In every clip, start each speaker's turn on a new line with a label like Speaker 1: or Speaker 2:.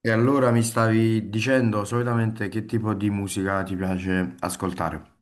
Speaker 1: E allora mi stavi dicendo solitamente che tipo di musica ti piace ascoltare?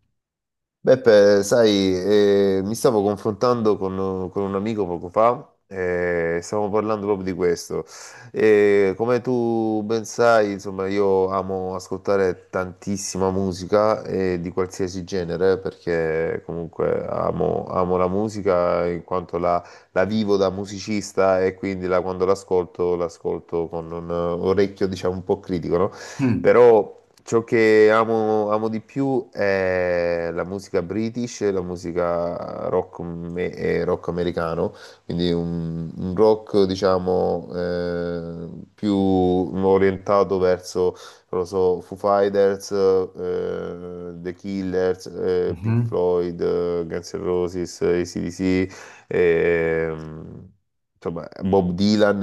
Speaker 2: Beppe, sai, mi stavo confrontando con un amico poco fa e stavamo parlando proprio di questo. E come tu ben sai, insomma, io amo ascoltare tantissima musica e di qualsiasi genere perché comunque amo la musica in quanto la vivo da musicista e quindi quando l'ascolto, l'ascolto con un orecchio, diciamo, un po' critico, no?
Speaker 1: Mm.
Speaker 2: Però ciò che amo di più è la musica british, la musica rock, e rock americano, quindi un rock, diciamo, più orientato verso, non lo so, Foo Fighters, The Killers, Pink
Speaker 1: Mhm.
Speaker 2: Floyd, Guns N' Roses, AC/DC, ehm, insomma, Bob Dylan,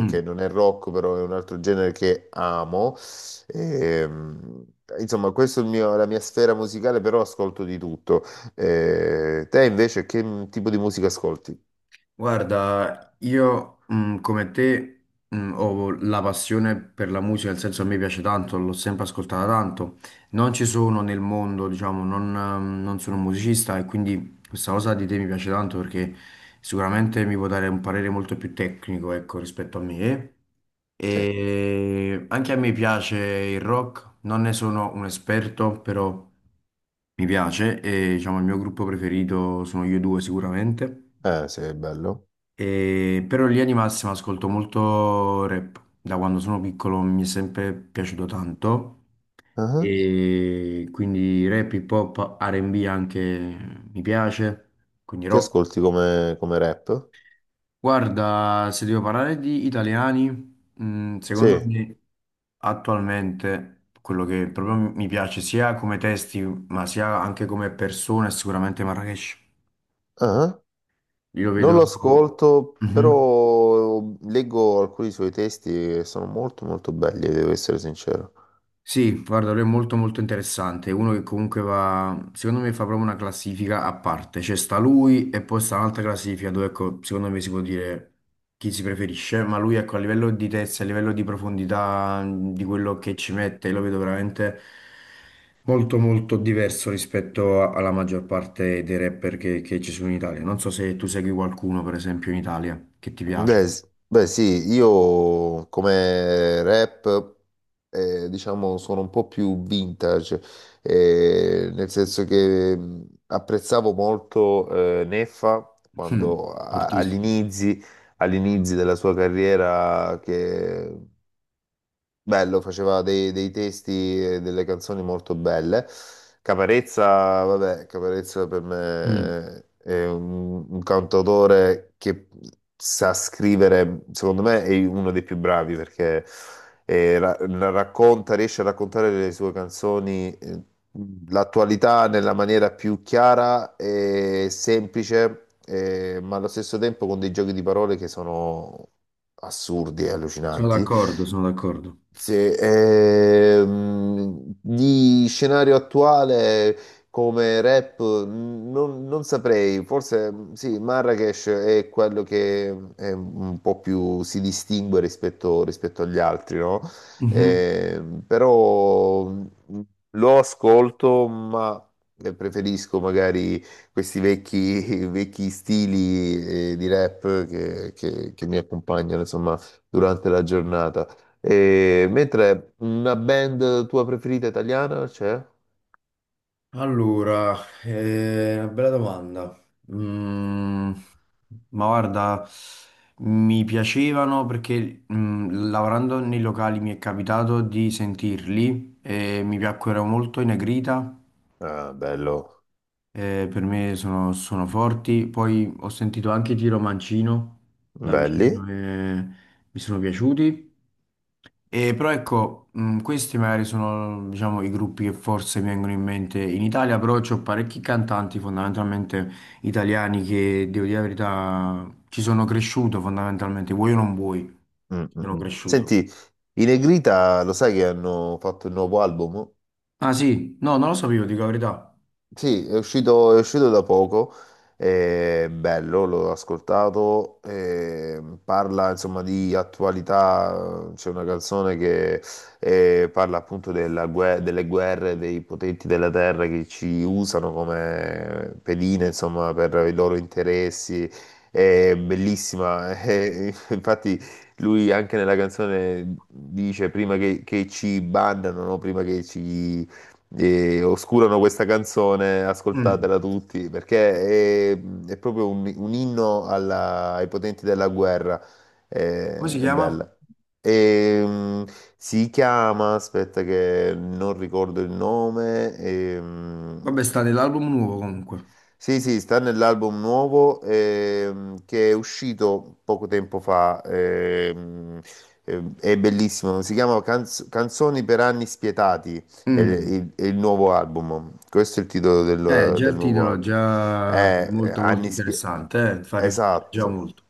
Speaker 2: che non è rock, però è un altro genere che amo. E, mh, insomma, questa è il mio- la mia sfera musicale, però ascolto di tutto. Te invece che tipo di musica ascolti?
Speaker 1: Guarda, io come te ho la passione per la musica, nel senso a me piace tanto, l'ho sempre ascoltata tanto. Non ci sono nel mondo, diciamo, non, non sono un musicista e quindi questa cosa di te mi piace tanto perché sicuramente mi può dare un parere molto più tecnico, ecco, rispetto a me.
Speaker 2: Sì,
Speaker 1: E anche a me piace il rock, non ne sono un esperto, però mi piace e diciamo il mio gruppo preferito sono io due sicuramente.
Speaker 2: sì, è bello.
Speaker 1: Però in linea di massima ascolto molto rap. Da quando sono piccolo mi è sempre piaciuto tanto.
Speaker 2: Ah.
Speaker 1: E quindi rap, hip hop, R&B anche mi piace, quindi
Speaker 2: Che
Speaker 1: rock.
Speaker 2: ascolti come, come rap?
Speaker 1: Guarda, se devo parlare di italiani, secondo
Speaker 2: Sì,
Speaker 1: me attualmente quello che proprio mi piace sia come testi, ma sia anche come persone, è sicuramente Marrakesh.
Speaker 2: ah.
Speaker 1: Io lo
Speaker 2: Non
Speaker 1: vedo...
Speaker 2: lo ascolto,
Speaker 1: Mhm.
Speaker 2: però leggo alcuni suoi testi e sono molto molto belli, devo essere sincero.
Speaker 1: Sì, guarda, lui è molto molto interessante, è uno che comunque va, secondo me fa proprio una classifica a parte, cioè sta lui e poi sta un'altra classifica dove ecco, secondo me si può dire chi si preferisce, ma lui ecco a livello di testa, a livello di profondità, di quello che ci mette, lo vedo veramente molto molto diverso rispetto alla maggior parte dei rapper che, ci sono in Italia. Non so se tu segui qualcuno, per esempio, in Italia che ti
Speaker 2: Beh,
Speaker 1: piace.
Speaker 2: s- beh, sì, io come rap, diciamo, sono un po' più vintage, nel senso che apprezzavo molto Neffa
Speaker 1: Mm,
Speaker 2: quando
Speaker 1: fortissimo.
Speaker 2: agli inizi della sua carriera che bello, faceva dei testi e delle canzoni molto belle. Caparezza, vabbè, Caparezza per
Speaker 1: Mm.
Speaker 2: me è un cantautore che sa scrivere, secondo me è uno dei più bravi perché la racconta, riesce a raccontare le sue canzoni, l'attualità nella maniera più chiara e semplice, ma allo stesso tempo con dei giochi di parole che sono assurdi e
Speaker 1: Sono
Speaker 2: allucinanti.
Speaker 1: d'accordo, sono d'accordo.
Speaker 2: Sì, di scenario attuale come rap non saprei, forse sì, Marrakesh è quello che è un po' più si distingue rispetto agli altri, no?
Speaker 1: Mhm.
Speaker 2: Però lo ascolto, ma preferisco magari questi vecchi, vecchi stili di rap che mi accompagnano, insomma, durante la giornata. E mentre una band tua preferita italiana c'è?
Speaker 1: Allora, è una bella domanda. Mm, ma guarda, mi piacevano perché mm, lavorando nei locali mi è capitato di sentirli e mi piacquero molto i Negrita,
Speaker 2: Ah, bello,
Speaker 1: per me sono, sono forti. Poi ho sentito anche Giro Mancino da vicino
Speaker 2: belli.
Speaker 1: e mi sono piaciuti. E però ecco, questi magari sono, diciamo, i gruppi che forse mi vengono in mente in Italia, però c'ho parecchi cantanti fondamentalmente italiani che, devo dire la verità, ci sono cresciuto fondamentalmente, vuoi o non vuoi,
Speaker 2: Mm,
Speaker 1: ci
Speaker 2: mm,
Speaker 1: sono
Speaker 2: mm.
Speaker 1: cresciuto.
Speaker 2: Senti, i Negrita lo sai che hanno fatto il nuovo album?
Speaker 1: Ah sì, no, non lo sapevo, dico la verità.
Speaker 2: Sì, è uscito da poco, è bello, l'ho ascoltato, parla insomma di attualità, c'è una canzone che parla appunto delle guerre, dei potenti della terra che ci usano come pedine insomma per i loro interessi, è bellissima, infatti lui anche nella canzone dice prima che ci bandano, no? Prima che ci e oscurano questa canzone,
Speaker 1: Mm.
Speaker 2: ascoltatela tutti, perché è proprio un inno ai potenti della guerra, è,
Speaker 1: Come si
Speaker 2: è
Speaker 1: chiama?
Speaker 2: bella. E, mm, si chiama, aspetta che non ricordo il nome,
Speaker 1: Vabbè, sta nell'album nuovo comunque.
Speaker 2: sì, sì, sta nell'album nuovo che è uscito poco tempo fa, è bellissimo, si chiama Canzoni per anni spietati, è
Speaker 1: Mm.
Speaker 2: è il nuovo album, questo è il titolo
Speaker 1: Già
Speaker 2: del
Speaker 1: il
Speaker 2: nuovo
Speaker 1: titolo è
Speaker 2: album.
Speaker 1: già molto molto
Speaker 2: Anni spietati,
Speaker 1: interessante, fa riflettere già
Speaker 2: esatto,
Speaker 1: molto.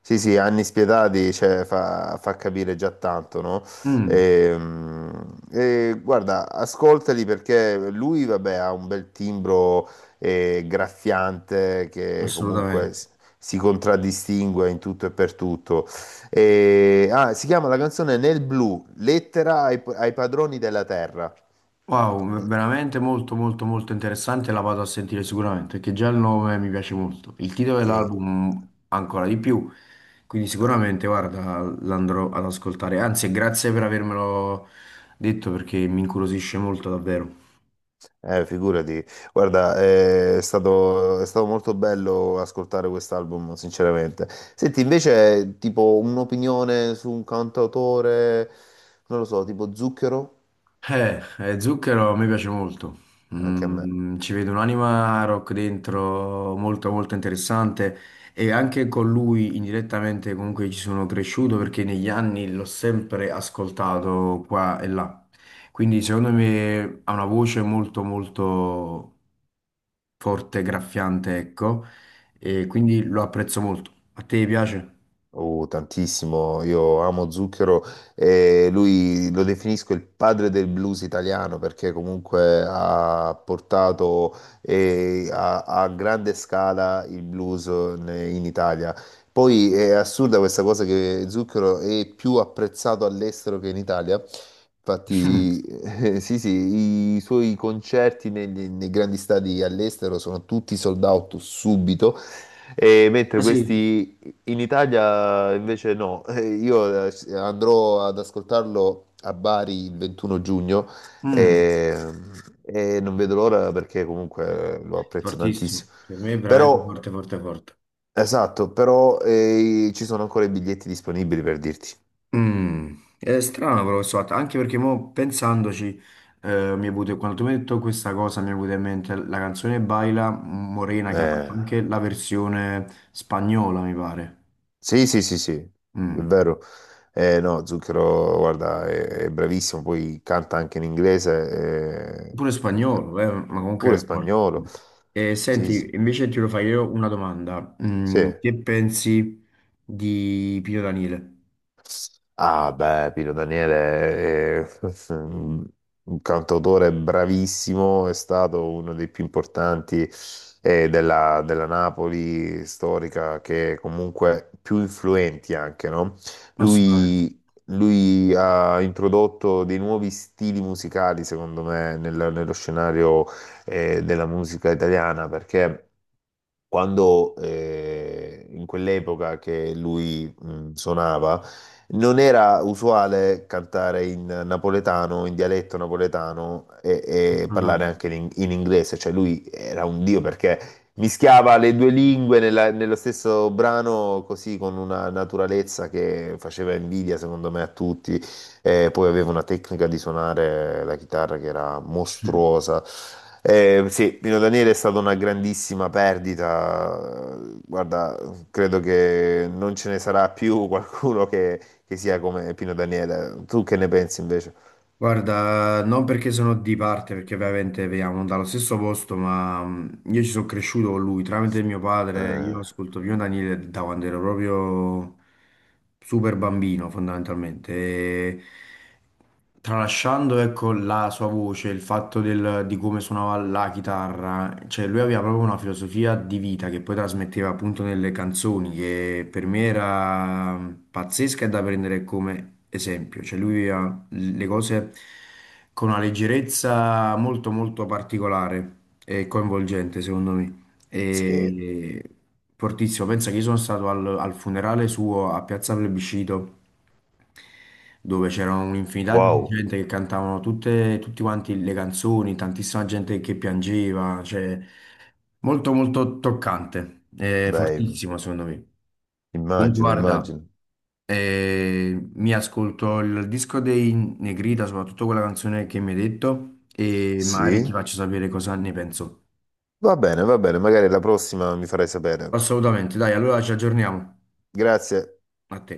Speaker 2: sì, sì, anni spietati, cioè, fa capire già tanto, no?
Speaker 1: Mm,
Speaker 2: Guarda, ascoltali perché lui, vabbè, ha un bel timbro graffiante che comunque
Speaker 1: assolutamente.
Speaker 2: si contraddistingue in tutto e per tutto. Si chiama la canzone Nel blu, lettera ai padroni della terra.
Speaker 1: Wow,
Speaker 2: Eh,
Speaker 1: veramente molto molto molto interessante, la vado a sentire sicuramente, perché già il nome mi piace molto. Il titolo
Speaker 2: sì.
Speaker 1: dell'album ancora di più, quindi sicuramente, guarda, l'andrò ad ascoltare. Anzi, grazie per avermelo detto perché mi incuriosisce molto davvero.
Speaker 2: Figurati, guarda, è stato molto bello ascoltare quest'album, sinceramente. Senti, invece, tipo un'opinione su un cantautore, non lo so, tipo Zucchero,
Speaker 1: Zucchero mi piace molto.
Speaker 2: anche a me.
Speaker 1: Mm, ci vedo un'anima rock dentro molto molto interessante e anche con lui indirettamente comunque ci sono cresciuto perché negli anni l'ho sempre ascoltato qua e là. Quindi secondo me ha una voce molto molto forte, graffiante, ecco, e quindi lo apprezzo molto. A te piace?
Speaker 2: Oh, tantissimo, io amo Zucchero e lui lo definisco il padre del blues italiano perché comunque ha portato a grande scala il blues in Italia. Poi è assurda questa cosa che Zucchero è più apprezzato all'estero che in Italia.
Speaker 1: Mm.
Speaker 2: Infatti, sì, sì, i suoi concerti nei grandi stadi all'estero sono tutti sold out subito. E mentre
Speaker 1: Ah sì.
Speaker 2: questi in Italia invece no. Io andrò ad ascoltarlo a Bari il 21 giugno
Speaker 1: Mm,
Speaker 2: e, e non vedo l'ora perché comunque lo apprezzo
Speaker 1: fortissimo.
Speaker 2: tantissimo.
Speaker 1: Per me è veramente
Speaker 2: Però,
Speaker 1: forte, forte, forte.
Speaker 2: esatto, però ci sono ancora i biglietti disponibili per dirti.
Speaker 1: Mm, è strano però questo fatto, anche perché mo pensandoci, mi è venuto, quando tu mi hai detto questa cosa, mi è venuta in mente la canzone Baila Morena che ha fatto
Speaker 2: Eh,
Speaker 1: anche la versione spagnola, mi pare.
Speaker 2: sì, è
Speaker 1: Mm.
Speaker 2: vero. No, Zucchero, guarda, è bravissimo, poi canta anche in inglese,
Speaker 1: Pure spagnolo, ma comunque
Speaker 2: pure
Speaker 1: è forte.
Speaker 2: spagnolo.
Speaker 1: E
Speaker 2: Sì,
Speaker 1: senti,
Speaker 2: sì,
Speaker 1: invece ti lo fai io una domanda. Mm,
Speaker 2: sì.
Speaker 1: che pensi di Pino Daniele?
Speaker 2: Ah, beh, Pino Daniele è un cantautore bravissimo, è stato uno dei più importanti della Napoli storica, che comunque più influenti anche, no?
Speaker 1: Assolutamente,
Speaker 2: Lui, Lui ha introdotto dei nuovi stili musicali, secondo me, nello scenario della musica italiana, perché quando in quell'epoca che lui suonava, non era usuale cantare in napoletano, in dialetto napoletano e parlare
Speaker 1: assolutamente.
Speaker 2: anche in inglese, cioè lui era un dio perché mischiava le due lingue nello stesso brano così con una naturalezza che faceva invidia secondo me a tutti e poi aveva una tecnica di suonare la chitarra che era mostruosa. Sì, Pino Daniele è stata una grandissima perdita. Guarda, credo che non ce ne sarà più qualcuno che sia come Pino Daniele. Tu che ne pensi invece?
Speaker 1: Guarda, non perché sono di parte, perché ovviamente veniamo dallo stesso posto, ma io ci sono cresciuto con lui tramite mio padre.
Speaker 2: Eh,
Speaker 1: Io ascolto Pino Daniele da quando ero proprio super bambino, fondamentalmente. E tralasciando, ecco, la sua voce, il fatto di come suonava la chitarra, cioè lui aveva proprio una filosofia di vita che poi trasmetteva appunto nelle canzoni, che per me era pazzesca e da prendere come esempio. Cioè lui le cose con una leggerezza molto molto particolare e coinvolgente, secondo me.
Speaker 2: sì,
Speaker 1: E fortissimo, pensa che io sono stato al, al funerale suo a Piazza Plebiscito, dove c'era un'infinità di
Speaker 2: wow,
Speaker 1: gente che cantavano tutte, tutti quanti le canzoni, tantissima gente che piangeva, cioè molto molto toccante,
Speaker 2: beh,
Speaker 1: fortissimo secondo me. Comunque
Speaker 2: immagino,
Speaker 1: guarda,
Speaker 2: immagino.
Speaker 1: e mi ascolto il disco dei Negrita, soprattutto quella canzone che mi hai detto, e magari ti
Speaker 2: Sì,
Speaker 1: faccio sapere cosa ne penso.
Speaker 2: va bene, magari la prossima mi farai sapere.
Speaker 1: Assolutamente, dai, allora ci aggiorniamo.
Speaker 2: Grazie.
Speaker 1: A te.